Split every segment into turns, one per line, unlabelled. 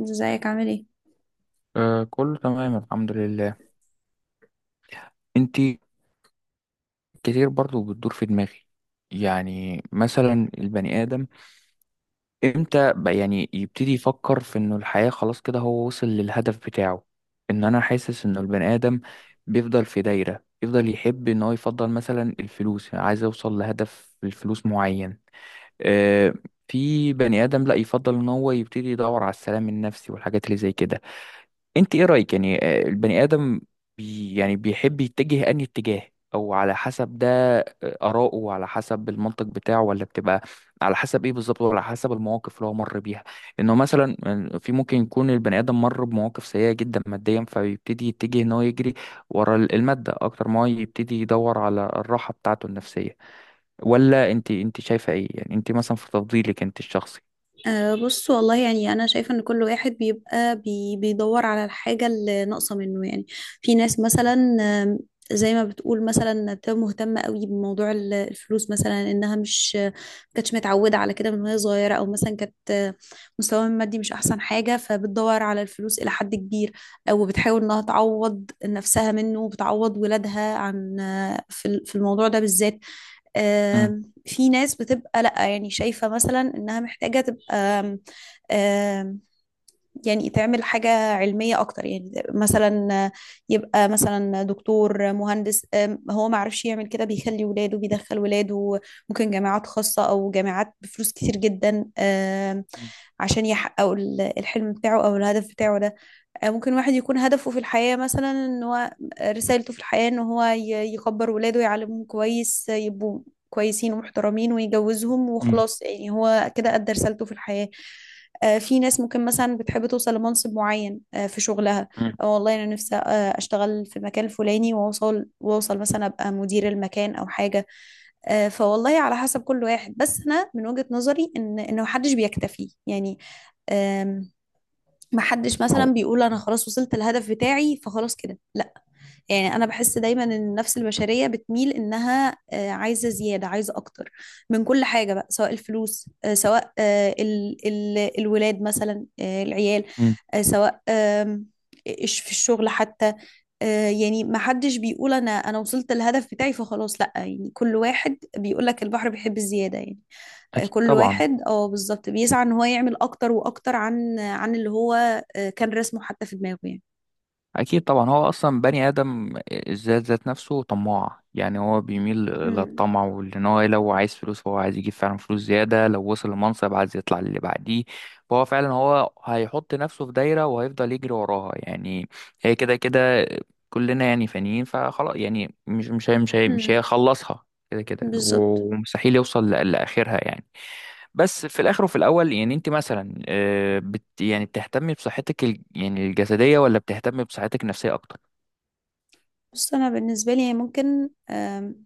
ازيك عامل ايه؟
آه، كله تمام، الحمد لله. انتي؟ كتير برضو بتدور في دماغي. يعني مثلا البني آدم، امتى بقى يعني يبتدي يفكر في انه الحياة خلاص كده هو وصل للهدف بتاعه؟ ان انا حاسس انه البني آدم بيفضل في دايرة، يفضل يحب ان هو يفضل مثلا الفلوس، يعني عايز اوصل لهدف الفلوس معين. آه. في بني آدم لا يفضل ان هو يبتدي يدور على السلام النفسي والحاجات اللي زي كده. انت ايه رأيك يعني؟ البني آدم يعني بيحب يتجه انهي اتجاه، او على حسب ده، آراءه على حسب المنطق بتاعه، ولا بتبقى على حسب ايه بالظبط، ولا على حسب المواقف اللي هو مر بيها؟ انه مثلا في ممكن يكون البني آدم مر بمواقف سيئة جدا ماديا، فبيبتدي يتجه ان هو يجري ورا المادة اكتر ما هو يبتدي يدور على الراحة بتاعته النفسية. ولا انت شايفة ايه يعني، انت مثلا في تفضيلك انت الشخصي؟
أه، بص والله، يعني أنا شايفة إن كل واحد بيبقى بيدور على الحاجة اللي ناقصة منه يعني. في ناس
مم.
مثلا، آم، زي ما بتقول مثلا، بتبقى مهتمة قوي بموضوع الفلوس مثلا، إنها مش ما كانتش متعودة على كده من وهي صغيرة، أو مثلا كانت مستواها المادي مش أحسن حاجة، فبتدور على الفلوس إلى حد كبير، أو بتحاول إنها تعوض نفسها منه وبتعوض ولادها عن في الموضوع ده بالذات.
مم.
في ناس بتبقى لأ، يعني شايفة مثلا إنها محتاجة تبقى آم، آم، يعني تعمل حاجة علمية أكتر، يعني مثلا يبقى مثلا دكتور مهندس. هو ما عرفش يعمل كده، بيخلي ولاده، بيدخل ولاده ممكن جامعات خاصة أو جامعات بفلوس كتير جدا، عشان يحققوا الحلم بتاعه أو الهدف بتاعه ده. ممكن واحد يكون هدفه في الحياة مثلا ان هو رسالته في الحياة ان هو يكبر ولاده، يعلمهم كويس، يبقوا كويسين ومحترمين، ويجوزهم،
مم.
وخلاص يعني هو كده أدى رسالته في الحياة. في ناس ممكن مثلا بتحب توصل لمنصب معين في شغلها.
مم.
أو والله أنا نفسي أشتغل في مكان الفلاني وأوصل، وأوصل مثلا أبقى مدير المكان أو حاجة. فوالله على حسب كل واحد، بس أنا من وجهة نظري إن محدش بيكتفي، يعني ما حدش مثلا
او.
بيقول انا خلاص وصلت الهدف بتاعي فخلاص كده، لا. يعني انا بحس دايما ان النفس البشريه بتميل انها عايزه زياده، عايزه اكتر من كل حاجه بقى، سواء الفلوس، آه، سواء آه، ال ال الولاد مثلا، العيال،
مم.
آه، سواء آم، إيش في الشغل حتى. يعني ما حدش بيقول انا وصلت الهدف بتاعي فخلاص لا، يعني كل واحد بيقول لك البحر بيحب الزياده يعني.
اكيد
كل
طبعا،
واحد اه بالظبط بيسعى ان هو يعمل اكتر واكتر عن اللي هو كان رسمه حتى في دماغه يعني.
اكيد طبعا. هو اصلا بني ادم الذات ذات نفسه طماع، يعني هو بيميل
امم.
للطمع، وان هو لو عايز فلوس هو عايز يجيب فعلا فلوس زياده، لو وصل لمنصب عايز يطلع للي بعديه. فهو فعلا هو هيحط نفسه في دايره وهيفضل يجري وراها يعني. هي كده كده، كلنا يعني فانيين، فخلاص يعني مش
امم.
هيخلصها كده كده،
بالظبط.
ومستحيل يوصل لاخرها يعني. بس في الاخر وفي الاول، يعني انت مثلا يعني بتهتمي بصحتك يعني الجسديه، ولا بتهتمي بصحتك النفسيه اكتر؟
بس انا بالنسبه لي يعني ممكن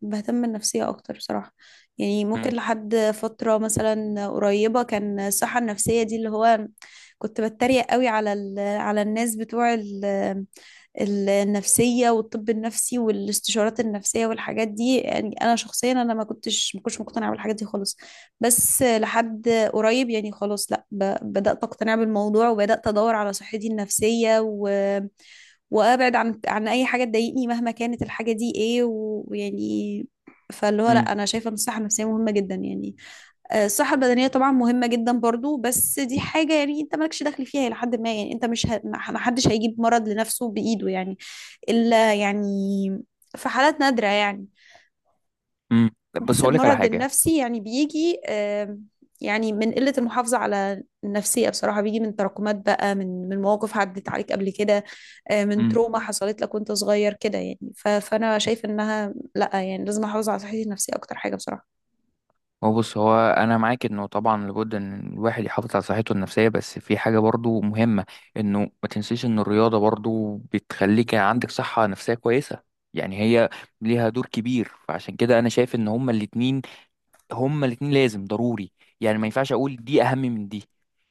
بهتم بالنفسيه اكتر بصراحه. يعني ممكن
امم.
لحد فتره مثلا قريبه، كان الصحه النفسيه دي اللي هو كنت بتريق قوي على الناس بتوع النفسية والطب النفسي والاستشارات النفسية والحاجات دي، يعني أنا شخصيا أنا ما كنتش مقتنعة بالحاجات دي خالص. بس لحد قريب يعني خلاص لا، بدأت أقتنع بالموضوع، وبدأت أدور على صحتي النفسية، و وابعد عن اي حاجه تضايقني مهما كانت الحاجه دي ايه ويعني، فاللي هو لا،
امم.
انا شايفه ان الصحه النفسيه مهمه جدا يعني. الصحه البدنيه طبعا مهمه جدا برضو، بس دي حاجه يعني انت مالكش دخل فيها لحد ما، يعني انت مش ه... ما حدش هيجيب مرض لنفسه بايده يعني، إلا يعني في حالات نادرة يعني.
امم. بس
بس
اقول لك على
المرض
حاجه.
النفسي يعني بيجي يعني من قلة المحافظة على النفسية بصراحة، بيجي من تراكمات بقى، من مواقف عدت عليك قبل كده، من
امم.
تروما حصلت لك وانت صغير كده يعني. فأنا شايف إنها لأ، يعني لازم أحافظ على صحتي النفسية أكتر حاجة بصراحة.
هو بص، هو انا معاك انه طبعا لابد ان الواحد يحافظ على صحته النفسيه، بس في حاجه برضو مهمه، انه ما تنسيش ان الرياضه برضو بتخليك عندك صحه نفسيه كويسه. يعني هي ليها دور كبير، فعشان كده انا شايف ان هما الاتنين، هما الاتنين لازم ضروري، يعني ما ينفعش اقول دي اهم من دي.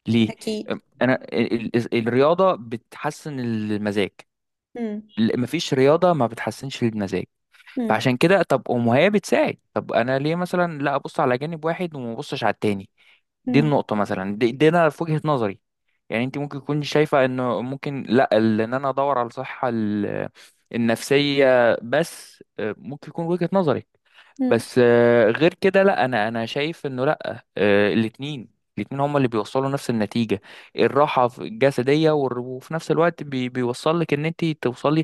ليه؟
أكيد.
انا الرياضه بتحسن المزاج،
مم.
مفيش رياضه ما بتحسنش المزاج.
مم.
فعشان كده، طب هي بتساعد، طب انا ليه مثلا لا ابص على جانب واحد وما ابصش على التاني؟ دي
مم.
النقطه مثلا، دي انا في وجهه نظري. يعني انت ممكن تكون شايفه انه ممكن، لا ان انا ادور على الصحه النفسيه، بس ممكن يكون وجهه نظري.
مم.
بس غير كده، لا انا شايف انه، لا الاتنين، الاتنين هما اللي بيوصلوا نفس النتيجة. الراحة الجسدية، وفي نفس الوقت بيوصل لك ان انت توصلي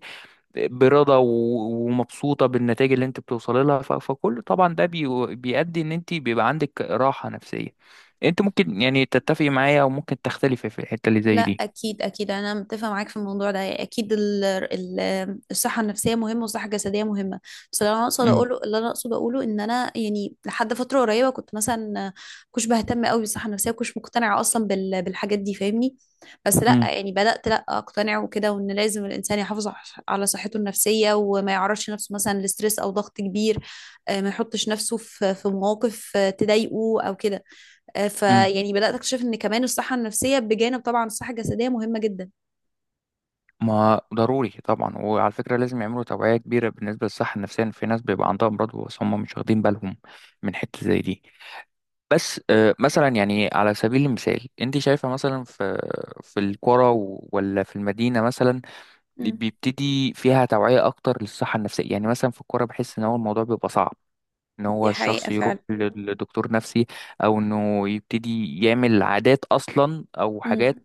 برضا ومبسوطة بالنتائج اللي انت بتوصلي لها، فكل طبعا ده بيؤدي ان انت بيبقى عندك راحة نفسية. انت ممكن يعني تتفقي معايا، وممكن تختلفي في الحتة اللي
لا
زي دي.
اكيد، اكيد انا متفقه معاك في الموضوع ده، يعني اكيد الصحه النفسيه مهمه والصحه الجسديه مهمه. بس
امم.
اللي انا اقصد اقوله ان انا يعني لحد فتره قريبه كنت مثلا كنت بهتم قوي بالصحه النفسيه، وكنتش مقتنعه اصلا بالحاجات دي فاهمني. بس لا
امم.
يعني بدات لا اقتنع وكده، وان لازم الانسان يحافظ على صحته النفسيه، وما يعرضش نفسه مثلا لستريس او ضغط كبير، ما يحطش نفسه في مواقف تضايقه او كده.
امم.
فيعني بدأت أكتشف إن كمان الصحة النفسية بجانب طبعا الصحة الجسدية مهمة جدا.
ما ضروري طبعا، وعلى فكرة لازم يعملوا توعية كبيرة بالنسبة للصحة النفسية. في ناس بيبقى عندها أمراض بس هم مش واخدين بالهم من حتة زي دي. بس مثلا، يعني على سبيل المثال، أنت شايفة مثلا في القرى ولا في المدينة مثلا اللي
مم.
بيبتدي فيها توعية أكتر للصحة النفسية؟ يعني مثلا في القرى بحس إن هو الموضوع بيبقى صعب إن هو
دي حقيقة
الشخص يروح
فعلا.
لدكتور نفسي، أو إنه يبتدي يعمل عادات أصلا أو حاجات
مم.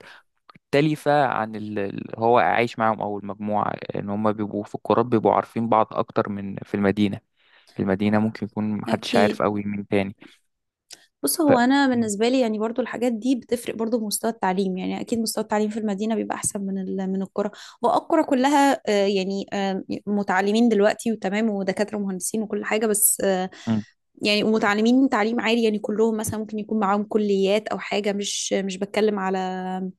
مختلفة عن اللي هو عايش معاهم، أو المجموعة. إن هما بيبقوا في القرى بيبقوا عارفين بعض أكتر من في المدينة. في المدينة ممكن يكون محدش عارف
أكيد.
أوي مين تاني.
بص،
ف
هو أنا
م-
بالنسبة لي يعني برضو الحاجات دي بتفرق برضو بمستوى التعليم، يعني أكيد مستوى التعليم في المدينة بيبقى أحسن من من القرى. والقرى كلها يعني متعلمين دلوقتي وتمام، ودكاترة ومهندسين وكل حاجة، بس
م-
يعني ومتعلمين تعليم عالي، يعني كلهم مثلا ممكن يكون معاهم كليات أو حاجة، مش بتكلم على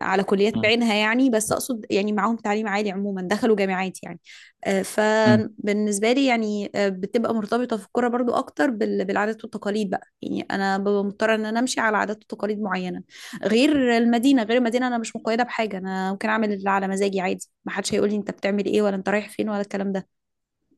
على كليات
م-
بعينها يعني، بس اقصد يعني معاهم تعليم عالي عموما دخلوا جامعات يعني.
م.
فبالنسبه لي يعني بتبقى مرتبطه في الكوره برضو اكتر بالعادات والتقاليد بقى، يعني انا ببقى مضطره ان انا امشي على عادات وتقاليد معينه. غير المدينه انا مش مقيده بحاجه، انا ممكن اعمل اللي على مزاجي عادي، ما حدش هيقول لي انت بتعمل ايه ولا انت رايح فين ولا الكلام ده.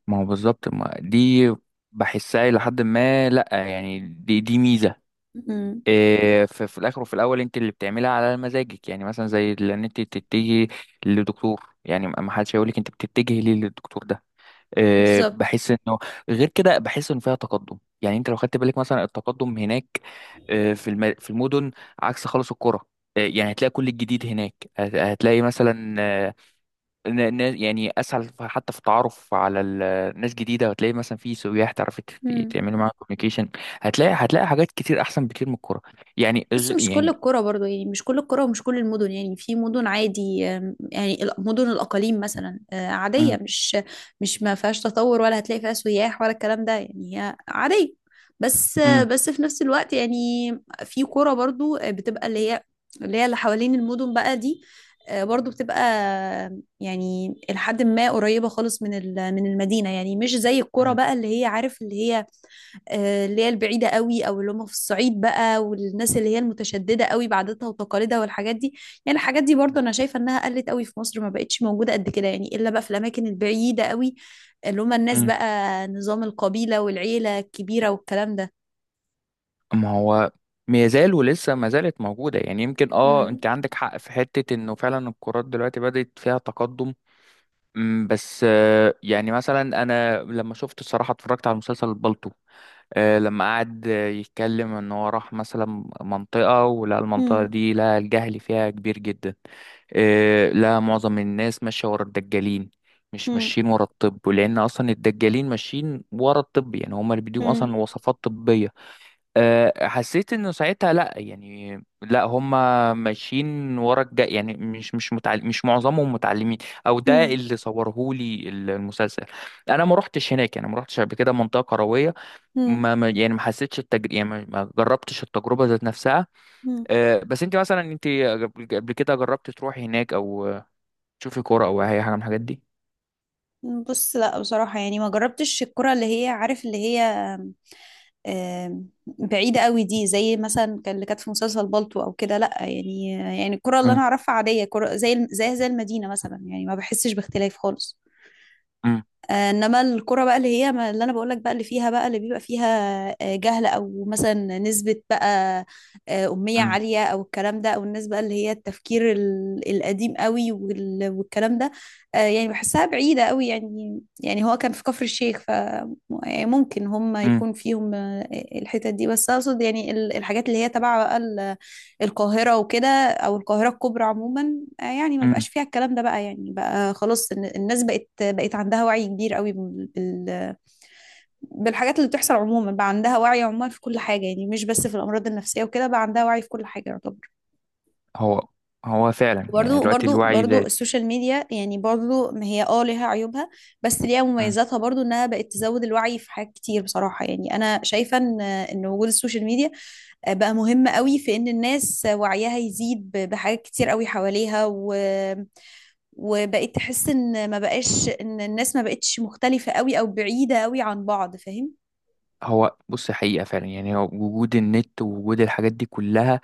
ما هو بالظبط، ما دي بحسها إلى حد ما. لأ يعني دي ميزة.
مم.
في الآخر وفي الأول أنت اللي بتعملها على مزاجك، يعني مثلا زي إن أنت تتجهي للدكتور، يعني ما حدش هيقولك أنت بتتجهي ليه للدكتور ده.
بالظبط.
بحس انه غير كده، بحس ان فيها تقدم. يعني انت لو خدت بالك مثلا التقدم هناك، في في المدن، عكس خالص القرى. يعني هتلاقي كل الجديد هناك، هتلاقي مثلا يعني اسهل حتى في التعرف على ناس جديده، وهتلاقي مثلا في سياح تعرفي
مم.
تعملي معاهم كوميونيكيشن. هتلاقي حاجات كتير احسن بكتير من الكوره يعني،
بص، مش كل
يعني.
القرى برضو يعني، مش كل القرى ومش كل المدن يعني، في مدن عادي، يعني مدن الأقاليم مثلا عادية،
امم.
مش ما فيهاش تطور ولا هتلاقي فيها سياح ولا الكلام ده، يعني هي عادية. بس آه،
امم.
بس في نفس الوقت يعني، في قرى برضو بتبقى اللي هي اللي حوالين المدن بقى دي، برضو بتبقى يعني لحد ما قريبة خالص من من المدينة، يعني مش زي القرى
امم،
بقى اللي هي عارف اللي هي اللي هي البعيدة قوي، او اللي هم في الصعيد بقى، والناس اللي هي المتشددة قوي بعاداتها وتقاليدها والحاجات دي. يعني الحاجات دي برضو انا شايفة انها قلت قوي في مصر، ما بقتش موجودة قد كده يعني، الا بقى في الاماكن البعيدة قوي، اللي هم الناس
امم.
بقى نظام القبيلة والعيلة الكبيرة والكلام ده.
ما هو ما يزال ولسه ما زالت موجودة، يعني يمكن
مم.
انت عندك حق في حتة انه فعلا الكرات دلوقتي بدأت فيها تقدم. بس يعني مثلا انا لما شفت الصراحة، اتفرجت على مسلسل البالتو، لما قعد يتكلم ان هو راح مثلا منطقة، ولقى المنطقة
مم.
دي، لقى الجهل فيها كبير جدا. لا، معظم الناس ماشية ورا الدجالين، مش
مم.
ماشيين ورا الطب، لأن أصلا الدجالين ماشيين ورا الطب، يعني هما اللي بيديهم
مم.
أصلا وصفات طبية. حسيت انه ساعتها لا، يعني لا هم ماشيين ورا الجاي، يعني مش متعلم، مش معظمهم متعلمين، او ده
مم.
اللي صورهولي المسلسل. انا ما روحتش هناك، يعني ما روحتش قبل كده منطقه قرويه،
مم.
يعني ما حسيتش التجربه، يعني ما جربتش التجربه ذات نفسها. بس انت مثلا، انت قبل كده جربت تروحي هناك، او تشوفي كوره او اي حاجه من الحاجات دي؟
مم. بص، لا بصراحة يعني ما جربتش الكرة اللي هي عارف اللي هي بعيدة قوي دي، زي مثلا كانت في مسلسل بالطو او كده، لا يعني، يعني الكرة اللي
مم.
انا اعرفها عادية كرة زي زي المدينة مثلا، يعني ما بحسش باختلاف خالص.
مم.
انما الكرة بقى اللي هي اللي انا بقول لك بقى اللي فيها بقى اللي بيبقى فيها جهل، او مثلا نسبة بقى أمية
مم.
عالية او الكلام ده، او الناس بقى اللي هي التفكير القديم قوي والكلام ده. يعني بحسها بعيدة قوي يعني، يعني هو كان في كفر الشيخ. ف يعني ممكن هم
مم.
يكون فيهم الحتت دي، بس اقصد يعني الحاجات اللي هي تبع بقى القاهرة وكده، أو القاهرة الكبرى عموما، يعني ما
مم.
بقاش فيها الكلام ده بقى، يعني بقى خلاص الناس بقت عندها وعي كبير قوي بالحاجات اللي بتحصل عموما، بقى عندها وعي عموما في كل حاجة، يعني مش بس في الأمراض النفسية وكده، بقى عندها وعي في كل حاجة يعتبر.
هو هو فعلا، يعني دلوقتي الوعي
برضو
زاد.
السوشيال ميديا يعني، برضو ما هي اه ليها عيوبها، بس ليها مميزاتها برضو، انها بقت تزود الوعي في حاجات كتير بصراحة، يعني انا شايفة ان وجود السوشيال ميديا بقى مهم قوي في ان الناس وعيها يزيد بحاجات كتير قوي حواليها، و... وبقيت تحس ان ما بقاش، ان الناس ما بقتش مختلفة قوي او بعيدة قوي عن بعض فاهم.
هو بص، حقيقة فعلا، يعني هو وجود النت ووجود الحاجات دي كلها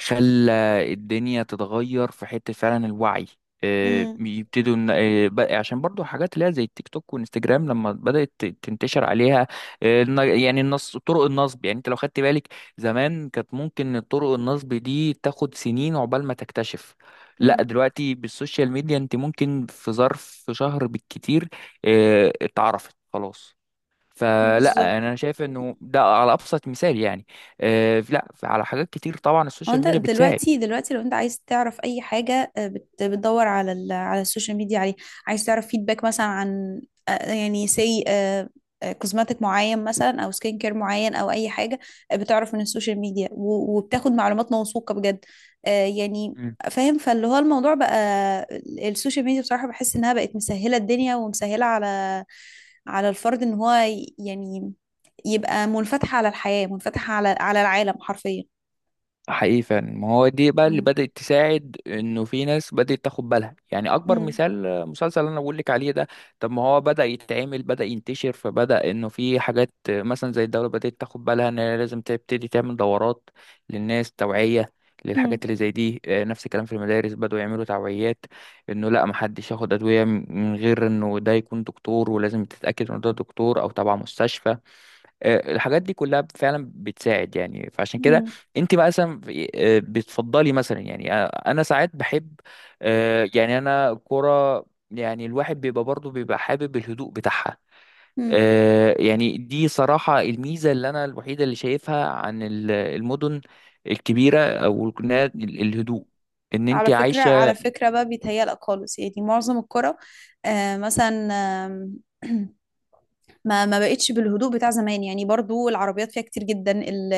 خلى الدنيا تتغير في حتة. فعلا الوعي
امم.
يبتدوا عشان برضو حاجات اللي هي زي التيك توك وانستجرام لما بدأت تنتشر عليها، يعني النص طرق النصب. يعني انت لو خدت بالك، زمان كانت ممكن طرق النصب دي تاخد سنين عقبال ما تكتشف، لا دلوقتي بالسوشيال ميديا انت ممكن في ظرف شهر بالكتير اتعرفت خلاص. فلا،
بالظبط.
انا شايف انه ده على ابسط مثال يعني. آه، لا، على حاجات كتير طبعا
هو
السوشيال
انت
ميديا بتساعد.
دلوقتي، دلوقتي لو انت عايز تعرف اي حاجه بتدور على على السوشيال ميديا عليه، عايز تعرف فيدباك مثلا عن يعني كوزماتيك معين مثلا او سكين كير معين، او اي حاجه بتعرف من السوشيال ميديا وبتاخد معلومات موثوقه بجد، يعني فاهم. فاللي هو الموضوع بقى السوشيال ميديا بصراحه، بحس انها بقت مسهله الدنيا ومسهله على الفرد ان هو يعني يبقى منفتح على الحياه، منفتح على العالم حرفيا.
حقيقي فعلا، ما هو دي بقى اللي
مم.
بدأت تساعد انه في ناس بدأت تاخد بالها. يعني اكبر مثال مسلسل اللي انا بقول لك عليه ده. طب ما هو بدأ يتعمل، بدأ ينتشر، فبدأ انه في حاجات، مثلا زي الدولة بدأت تاخد بالها ان هي لازم تبتدي تعمل دورات للناس، توعية للحاجات
مم.
اللي زي دي. نفس الكلام، في المدارس بدأوا يعملوا توعيات، انه لا محدش ياخد ادوية من غير انه ده يكون دكتور، ولازم تتأكد انه ده دكتور او تبع مستشفى. الحاجات دي كلها فعلا بتساعد يعني، فعشان كده
مم.
انت مثلا بتفضلي مثلا، يعني انا ساعات بحب، يعني انا كرة، يعني الواحد بيبقى برضه بيبقى حابب الهدوء بتاعها.
مم.
يعني دي صراحة الميزة اللي انا الوحيدة اللي شايفها عن المدن الكبيرة، او الهدوء، ان انت
على فكرة،
عايشة.
على فكرة بقى بيتهيألك خالص، يعني معظم الكرة آه مثلا آم، ما بقتش بالهدوء بتاع زمان، يعني برضو العربيات فيها كتير جدا ال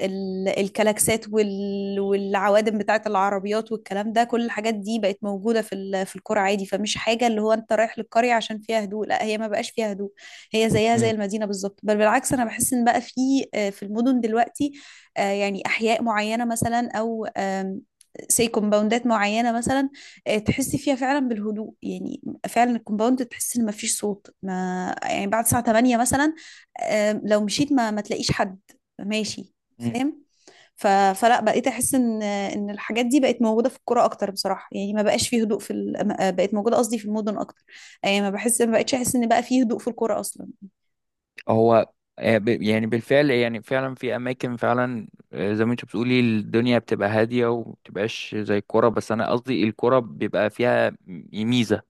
ال الكلاكسات والعوادم بتاعت العربيات والكلام ده، كل الحاجات دي بقت موجودة في في القرى عادي، فمش حاجة اللي هو انت رايح للقرية عشان فيها هدوء، لا هي ما بقاش فيها هدوء، هي زيها زي
مم.
المدينة بالظبط. بل بالعكس، انا بحس ان بقى في في المدن دلوقتي يعني احياء معينة مثلا، او كومباوندات معينة مثلا تحسي فيها فعلا بالهدوء يعني. فعلا الكومباوند تحس ان مفيش صوت ما يعني، بعد الساعة 8 مثلا، لو مشيت ما تلاقيش حد ماشي فاهم. ف... فلا بقيت احس ان الحاجات دي بقت موجودة في القرى اكتر بصراحة، يعني ما بقاش فيه هدوء في ال... ما- آه، بقت موجودة قصدي في المدن اكتر، يعني ما بحس ما
مم.
بقتش احس ان بقى فيه هدوء في القرى اصلا.
هو يعني بالفعل، يعني فعلا في اماكن فعلا زي ما انت بتقولي الدنيا بتبقى هاديه ومبتبقاش زي الكوره. بس انا قصدي الكوره بيبقى فيها ميزه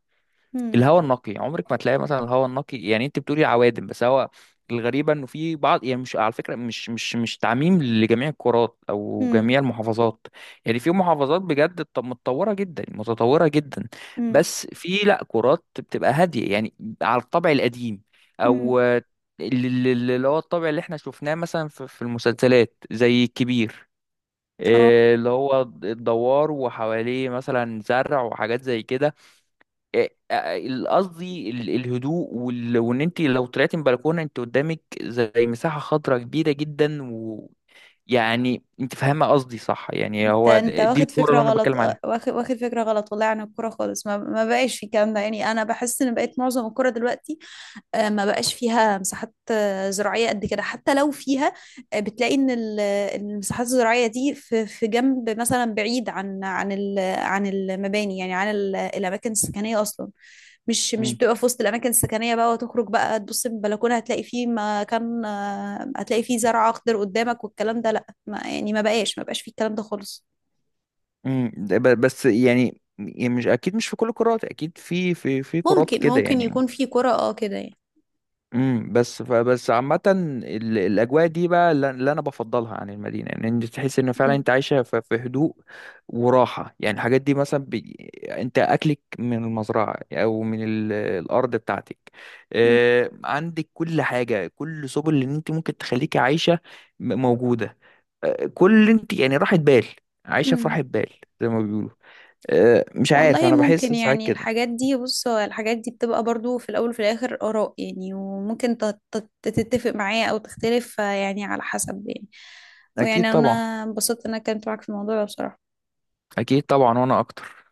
هم.
الهواء النقي. عمرك ما تلاقي مثلا الهواء النقي، يعني انت بتقولي عوادم بس هو الغريبة انه في بعض، يعني مش على فكرة، مش تعميم لجميع القارات او
هم.
جميع المحافظات. يعني في محافظات بجد متطورة جدا، متطورة جدا،
هم.
بس في لا، قارات بتبقى هادية يعني على الطبع القديم، او
هم.
اللي هو الطبع اللي احنا شفناه مثلا في المسلسلات زي الكبير.
اه
اللي هو الدوار وحواليه مثلا زرع وحاجات زي كده، قصدي الهدوء، وان انت لو طلعتي من بلكونه انت قدامك زي مساحه خضراء كبيره جدا. ويعني انت فاهمه قصدي صح؟ يعني
انت،
هو دي
واخد
الكوره
فكرة
اللي انا
غلط،
بتكلم عليها.
واخد فكرة غلط والله عن الكرة خالص، ما بقاش في الكلام ده، يعني انا بحس ان بقيت معظم الكرة دلوقتي ما بقاش فيها مساحات زراعية قد كده، حتى لو فيها بتلاقي ان المساحات الزراعية دي في جنب مثلا بعيد عن عن المباني، يعني عن الأماكن السكنية أصلا، مش
مم.
بتبقى في وسط الأماكن السكنية بقى، وتخرج بقى تبص من البلكونة هتلاقي فيه مكان، هتلاقي فيه زرع أخضر قدامك والكلام ده، لأ ما يعني ما بقاش فيه الكلام ده خالص.
مم. ده بس يعني مش اكيد، مش في كل الكرات، اكيد في كرات كده
ممكن
يعني.
يكون فيه قرى اه كده يعني.
بس فبس عامة، الأجواء دي بقى اللي أنا بفضلها عن المدينة، يعني أنت تحس إن فعلا
مم.
أنت عايشة في هدوء وراحة. يعني الحاجات دي مثلا أنت أكلك من المزرعة، أو من الأرض بتاعتك،
مم.
عندك كل حاجة، كل سبل اللي أنت ممكن تخليكي عايشة موجودة. كل اللي أنت يعني راحة بال، عايشة في
مم.
راحة بال زي ما بيقولوا. مش عارف،
والله
أنا بحس
ممكن
ساعات
يعني،
كده.
الحاجات دي بص هو الحاجات دي بتبقى برضو في الأول وفي الآخر آراء يعني، وممكن تتفق معايا أو تختلف يعني على حسب يعني.
أكيد
ويعني أنا
طبعا،
انبسطت إن أنا اتكلمت معاك في الموضوع ده بصراحة.
أكيد طبعا، وأنا أكتر.